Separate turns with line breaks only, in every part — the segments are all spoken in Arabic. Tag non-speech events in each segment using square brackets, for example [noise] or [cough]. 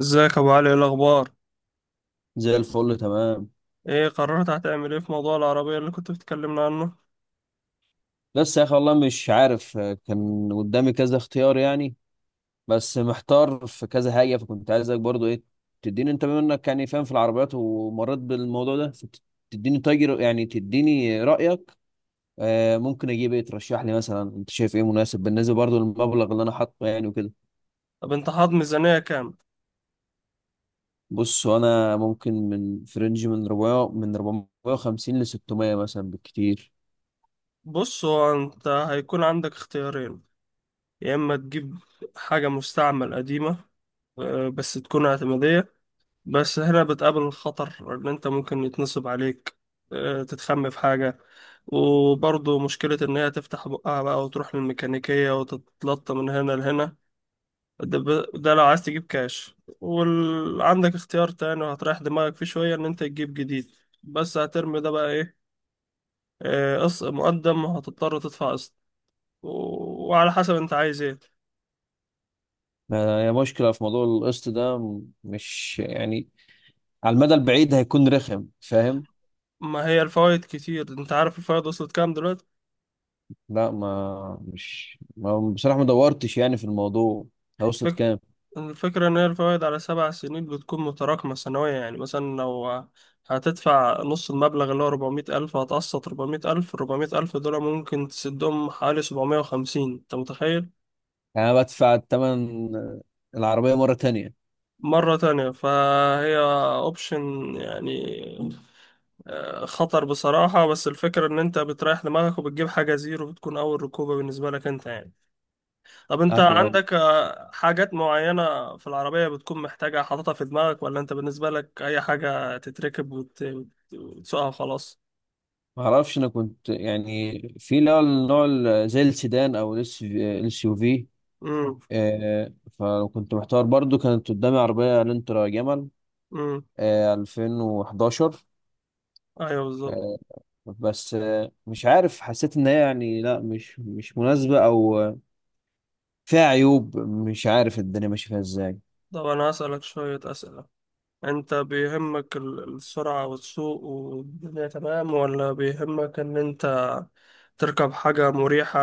ازيك يا ابو علي؟ ايه الاخبار؟
زي الفل تمام.
ايه قررت هتعمل ايه في موضوع العربيه اللي كنت بتكلمنا عنه؟
بس يا اخي والله مش عارف، كان قدامي كذا اختيار يعني. بس محتار في كذا حاجه، فكنت عايزك برضو ايه، تديني انت بما انك يعني فاهم في العربيات ومريت بالموضوع ده تديني تاجر، يعني تديني رايك. آه ممكن اجيب ايه، ترشح لي مثلا انت شايف ايه مناسب بالنسبه برضو للمبلغ اللي انا حاطه يعني وكده.
طب انت حاط ميزانيه كام؟
بص انا ممكن من فرنج من 400، من 450 ل 600 مثلا بالكتير.
بص، هو انت هيكون عندك اختيارين: يا اما تجيب حاجه مستعمل قديمه، بس تكون اعتماديه، بس هنا بتقابل الخطر ان انت ممكن يتنصب عليك، تتخم في حاجه، وبرضه مشكله ان هي تفتح بقها بقى وتروح للميكانيكيه وتتلطم من هنا لهنا. ده لو عايز تجيب كاش. وعندك اختيار تاني وهتريح دماغك فيه شوية، ان انت تجيب جديد، بس هترمي ده بقى ايه؟ قسط مقدم وهتضطر تدفع قسط و... وعلى حسب انت عايز ايه.
ما هي مشكلة في موضوع القسط ده، مش يعني على المدى البعيد هيكون رخم، فاهم.
ما هي الفوائد كتير، انت عارف الفوائد وصلت كام دلوقتي؟
لا ما بصراحة ما دورتش يعني في الموضوع ده، وصلت
فك...
كام؟
الفكرة ان هي الفوائد على 7 سنين بتكون متراكمة سنوية. يعني مثلا لو هتدفع نص المبلغ اللي هو 400000 ألف، هتقسط 400000 ألف. 400 ألف دول ممكن تسدهم حوالي 750. أنت متخيل؟
يعني انا بدفع تمن العربية مرة تانية؟
مرة تانية، فهي اوبشن يعني، خطر بصراحة، بس الفكرة ان انت بتريح دماغك وبتجيب حاجة زيرو بتكون اول ركوبة بالنسبة لك انت يعني. طب انت
ايوه، أيوة.
عندك حاجات معينة في العربية بتكون محتاجة حاططها في دماغك، ولا انت بالنسبة لك اي حاجة تتركب وتسوقها وخلاص؟
ما اعرفش، انا كنت يعني في اللي هو النوع زي السيدان او الاس يو في.
امم.
آه، فكنت محتار برضو، كانت قدامي عربية لانترا جمل،
امم.
2011.
ايوه بالظبط.
آه، بس آه، مش عارف، حسيت ان هي يعني لا مش مناسبة، او فيها عيوب، مش عارف الدنيا ماشيه فيها ازاي.
طب انا هسألك شوية اسئلة. انت بيهمك السرعة والسوق والدنيا تمام، ولا بيهمك ان انت تركب حاجة مريحة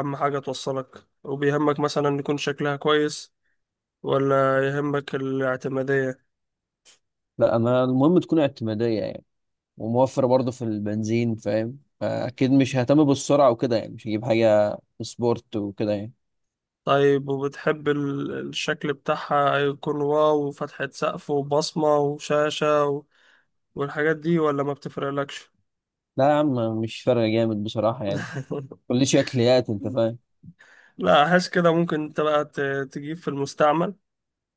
أهم حاجة توصلك، وبيهمك مثلا يكون شكلها كويس، ولا يهمك الاعتمادية؟
لا انا المهم تكون اعتماديه يعني، وموفره برضه في البنزين، فاهم. اكيد مش ههتم بالسرعه وكده يعني، مش هجيب حاجه سبورت وكده يعني.
طيب، وبتحب الشكل بتاعها يكون واو وفتحة سقف وبصمة وشاشة والحاجات دي، ولا ما بتفرقلكش؟
لا يا عم، مش فارقه جامد بصراحه يعني.
[laughs]
كل شكليات، انت فاهم.
لا، أحس كده ممكن أنت بقى تجيب في المستعمل.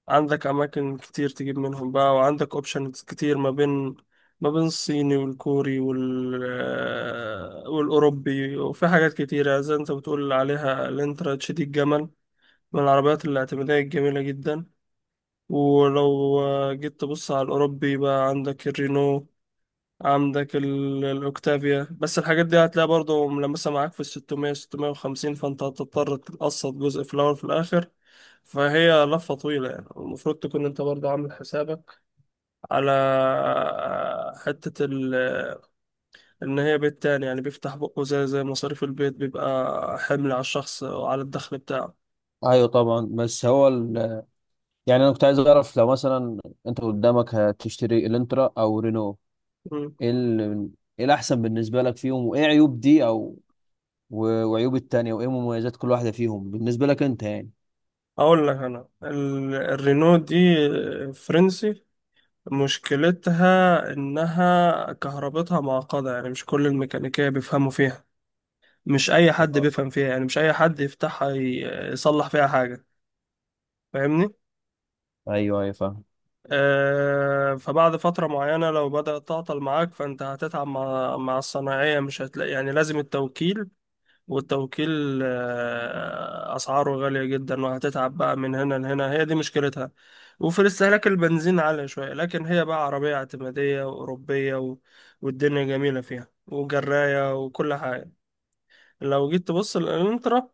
عندك اماكن كتير تجيب منهم بقى، وعندك اوبشنز كتير ما بين، ما بين الصيني والكوري وال آه، والاوروبي. وفي حاجات كتيره زي انت بتقول عليها الانترا تشيدي الجمل، من العربيات الاعتماديه الجميله جدا. ولو جيت تبص على الاوروبي بقى، عندك الرينو، عندك الأوكتافيا، بس الحاجات دي هتلاقي برضو ملمسة معاك في الستمية، ستمية وخمسين، فأنت هتضطر تقسط جزء في الأول وفي الآخر. فهي لفة طويلة يعني، المفروض تكون أنت برضو عامل حسابك على حتة إن هي بيت تاني يعني، بيفتح بقه زي، زي مصاريف البيت بيبقى حمل على الشخص وعلى الدخل بتاعه.
ايوه طبعا، بس هو يعني انا كنت عايز اعرف، لو مثلا انت قدامك هتشتري الانترا او رينو،
مم.
ايه ال... ايه الاحسن بالنسبه لك فيهم، وايه عيوب دي، او وعيوب التانية، وايه مميزات كل واحده فيهم بالنسبه لك انت يعني.
أقول لك، أنا الرينو دي فرنسي. مشكلتها إنها كهربتها معقدة، يعني مش كل الميكانيكية بيفهموا فيها، مش أي حد بيفهم فيها، يعني مش أي حد يفتحها يصلح فيها حاجة. فاهمني؟
ايوه، ايوه فاهم.
آه، فبعد فترة معينة لو بدأت تعطل معاك، فأنت هتتعب مع الصناعية مش هتلاقي، يعني لازم التوكيل، والتوكيل أسعاره غالية جدا، وهتتعب بقى من هنا لهنا. هي دي مشكلتها. وفي استهلاك البنزين عالية شوية، لكن هي بقى عربية اعتمادية وأوروبية والدنيا جميلة فيها وجراية وكل حاجة. لو جيت تبص للانترا،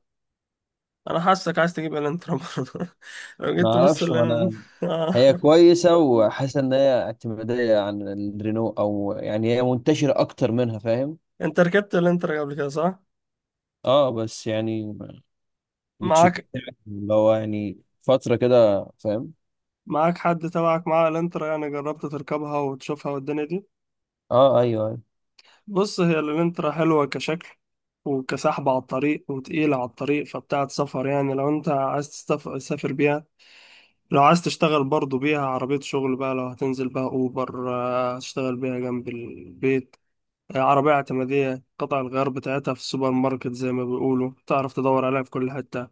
أنا حاسك عايز تجيب الانترا برضه. [laughs] لو
ما
جيت تبص
اعرفش ما
لل،
انا،
آه.
هي
[laughs]
كويسه، وحاسس ان هي اعتماديه عن الرينو، او يعني هي منتشره اكتر منها، فاهم.
أنت ركبت الانترا قبل كده، صح؟
اه بس يعني مش
معاك.
بتاعت اللي هو يعني فتره كده، فاهم.
معاك حد تبعك معاه الانترا، يعني جربت تركبها وتشوفها والدنيا دي؟
اه، ايوه ايوه.
بص، هي الانترا حلوة كشكل، وكسحب على الطريق، وتقيلة على الطريق، فبتاعة سفر يعني لو انت عايز تسافر بيها. لو عايز تشتغل برضو بيها عربية شغل بقى، لو هتنزل بقى اوبر، هتشتغل بيها جنب البيت. عربية اعتمادية، قطع الغيار بتاعتها في السوبر ماركت زي ما بيقولوا، تعرف تدور عليها في كل حتة.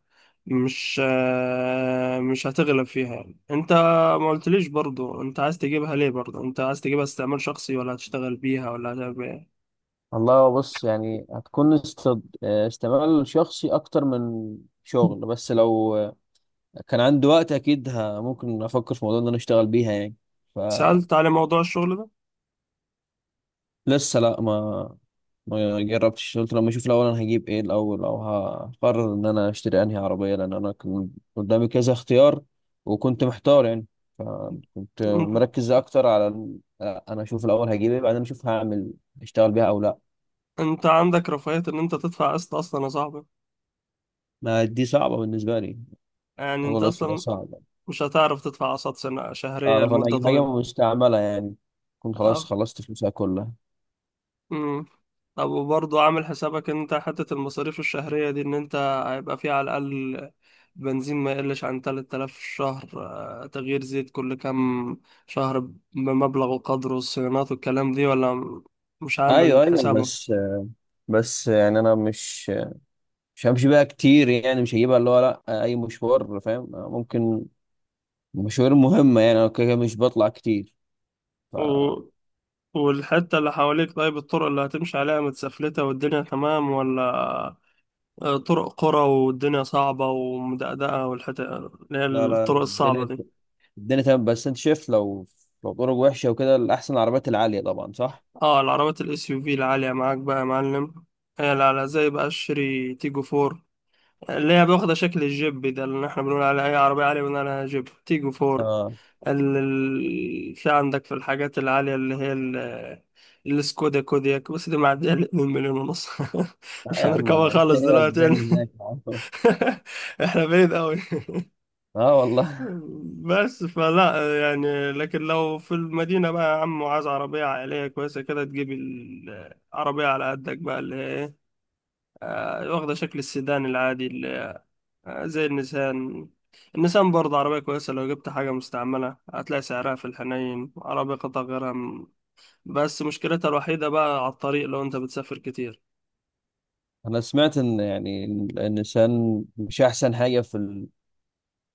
مش مش هتغلب فيها يعني. انت ما قلتليش برضو انت عايز تجيبها ليه، برضو انت عايز تجيبها استعمال شخصي، ولا هتشتغل بيها، ولا هتعمل بيها؟
والله بص، يعني هتكون استعمال شخصي اكتر من شغل، بس لو كان عندي وقت اكيد ممكن افكر في موضوع ان انا اشتغل بيها يعني.
سألت على موضوع الشغل ده.
فلسه لا، ما جربتش، قلت لما اشوف الاول انا هجيب ايه الاول، او هقرر ان انا اشتري انهي عربيه، لان انا كان قدامي كذا اختيار وكنت محتار يعني. فكنت
م-
مركز اكتر على انا اشوف الاول هجيب ايه، بعدين اشوف هعمل اشتغل بيها او لا.
انت عندك رفاهية ان انت تدفع قسط اصلا يا صاحبي؟
ما دي صعبه بالنسبه لي،
يعني
موضوع
انت
القسط ده
اصلا
صعب.
مش هتعرف تدفع قسط سنة شهرية
اه فانا
لمدة
هجيب حاجه
طويلة.
مستعمله يعني، كنت خلاص
أب...
خلصت فلوسها كلها.
مم. طب، وبرضه عامل حسابك ان انت حتة المصاريف الشهرية دي؟ ان انت هيبقى فيه على الأقل بنزين ما يقلش عن 3000 في الشهر، تغيير زيت كل كام شهر بمبلغ وقدره، الصيانات والكلام دي، ولا مش
ايوه
عامل
ايوه، بس يعني انا مش همشي بيها كتير يعني، مش هجيبها اللي هو لا اي مشوار، فاهم، ممكن مشاوير مهمة يعني، أنا كده كده مش بطلع كتير فلا.
حسابك؟ والحتة اللي حواليك، طيب الطرق اللي هتمشي عليها متسفلتة والدنيا تمام، ولا طرق قرى والدنيا صعبة ومدقدقة، والحتة اللي هي
لا لا،
الطرق الصعبة
الدنيا
دي؟
الدنيا تمام. بس أنت شايف لو لو طرق وحشة وكده الأحسن العربيات العالية طبعا، صح؟
اه، العربيات الاس يو في العالية معاك بقى يا معلم. هي على زي بقى الشيري تيجو فور اللي هي واخدة شكل الجيب ده، اللي احنا بنقول عليها أي عربية عالية بنقول عليها جيب تيجو فور.
آه.
في عندك في الحاجات العالية اللي هي السكودا كودياك، بس دي معدية ال 2.5 مليون. [laughs]
لا
مش
يا عم أنا،
هنركبها
[laughs]
خالص
إيه
دلوقتي.
وداني هناك يا عم؟
[laughs] احنا بعيد قوي. [laughs]
آه والله.
بس فلا يعني، لكن لو في المدينة بقى يا عم، وعايز عربية عائلية كويسة كده، تجيب العربية على قدك بقى اللي هي ايه، واخدة شكل السيدان العادي، اللي زي النسان. النسان برضه عربية كويسة، لو جبت حاجة مستعملة هتلاقي سعرها في الحنين، عربية قطع غيرها بس مشكلتها الوحيدة بقى على الطريق لو انت بتسافر كتير.
أنا سمعت إن يعني إن النيسان مش أحسن حاجة في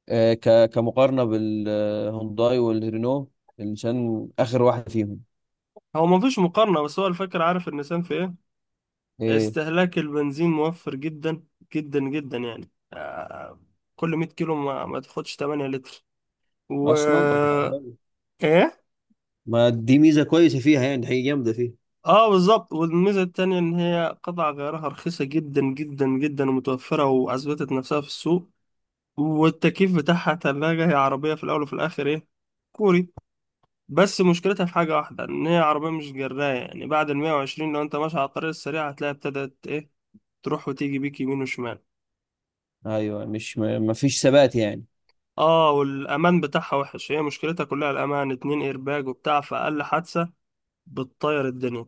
آه كمقارنة بالهونداي والرينو، النيسان آخر واحد فيهم.
هو مفيش مقارنة، بس هو الفكرة عارف النسان في ايه؟
إيه
استهلاك البنزين موفر جدا، جدا جدا يعني. كل 100 كيلو ما تاخدش 8 لتر و.
أصلا؟ طب
ايه؟
ما دي ميزة كويسة فيها يعني، دي حاجة جامدة فيها.
اه بالظبط. والميزه التانية ان هي قطع غيارها رخيصه جدا جدا جدا، ومتوفره، واثبتت نفسها في السوق. والتكييف بتاعها تلاجة، هي عربيه في الاول وفي الاخر ايه؟ كوري. بس مشكلتها في حاجه واحده، ان هي عربيه مش جرايه، يعني بعد ال 120 لو انت ماشي على الطريق السريع هتلاقي ابتدت ايه، تروح وتيجي بيك يمين وشمال.
أيوه، مش ما فيش ثبات يعني.
اه، والامان بتاعها وحش، هي مشكلتها كلها الامان، اتنين ايرباج وبتاع، فاقل حادثه بتطير الدنيا.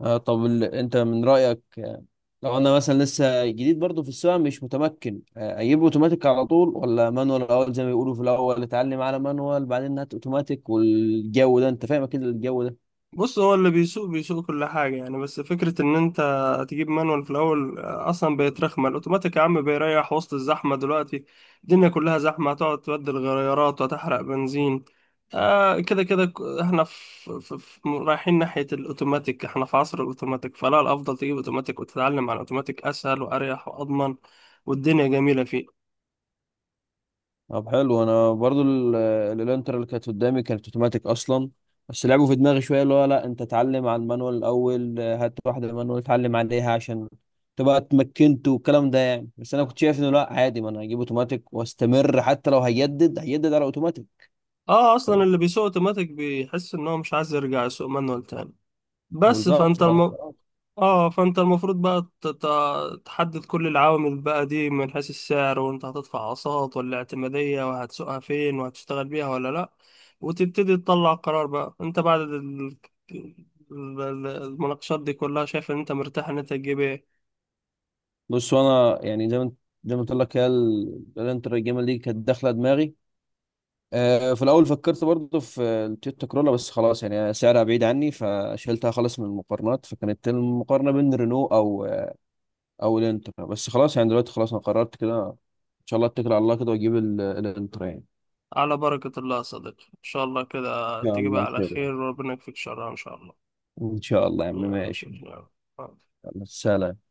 آه طب انت من رأيك، لو انا مثلا لسه جديد برضه في السواقه مش متمكن، اجيب اوتوماتيك على طول، ولا مانوال الاول زي ما بيقولوا، في الاول اتعلم على مانوال بعدين هات اوتوماتيك، والجو ده انت فاهم كده الجو ده.
بص، هو اللي بيسوق بيسوق كل حاجه يعني، بس فكره ان انت تجيب مانوال في الاول، اصلا بقت رخمه. الاوتوماتيك يا عم بيريح وسط الزحمه دلوقتي، الدنيا كلها زحمه. هتقعد تبدل غيارات وتحرق بنزين؟ آه، كده كده احنا في, رايحين ناحيه الاوتوماتيك، احنا في عصر الاوتوماتيك. فلا، الافضل تجيب اوتوماتيك وتتعلم على الاوتوماتيك، اسهل واريح واضمن، والدنيا جميله فيه.
طب حلو، انا برضه الانتر اللي كانت قدامي كانت اوتوماتيك اصلا، بس لعبوا في دماغي شويه اللي هو لا انت اتعلم على المانوال الاول، هات واحده مانوال اتعلم عليها عشان تبقى اتمكنت والكلام ده يعني. بس انا كنت شايف انه لا عادي، ما انا هجيب اوتوماتيك واستمر، حتى لو هيجدد هيجدد على اوتوماتيك.
اه، اصلا اللي بيسوق اوتوماتيك بيحس ان هو مش عايز يرجع يسوق مانوال تاني. بس
بالظبط،
فانت
الحوار
الم...
خلاص.
اه، فانت المفروض بقى تحدد كل العوامل بقى دي، من حيث السعر وانت هتدفع اقساط ولا اعتمادية، وهتسوقها فين، وهتشتغل بيها ولا لا، وتبتدي تطلع قرار بقى انت بعد ال- المناقشات دي كلها، شايف ان انت مرتاح ان انت تجيب ايه.
بص وانا يعني زي ما قلت لك هي الانتر الجيمه دي كانت داخله دماغي. في الاول فكرت برضه في التويوتا كرولا، بس خلاص يعني سعرها بعيد عني فشلتها خالص من المقارنات، فكانت المقارنه بين رينو او الانتر، بس خلاص يعني دلوقتي خلاص انا قررت كده، ان شاء الله اتكل على الله كده واجيب الانتر يعني.
على بركة الله يا صديقي، ان شاء الله كده
ان شاء
تجيبها
الله
على
خير يعني،
خير، وربنا يكفيك شرها ان شاء الله.
ان شاء الله يا عم،
يلا
ماشي.
شكرا.
يلا سلام.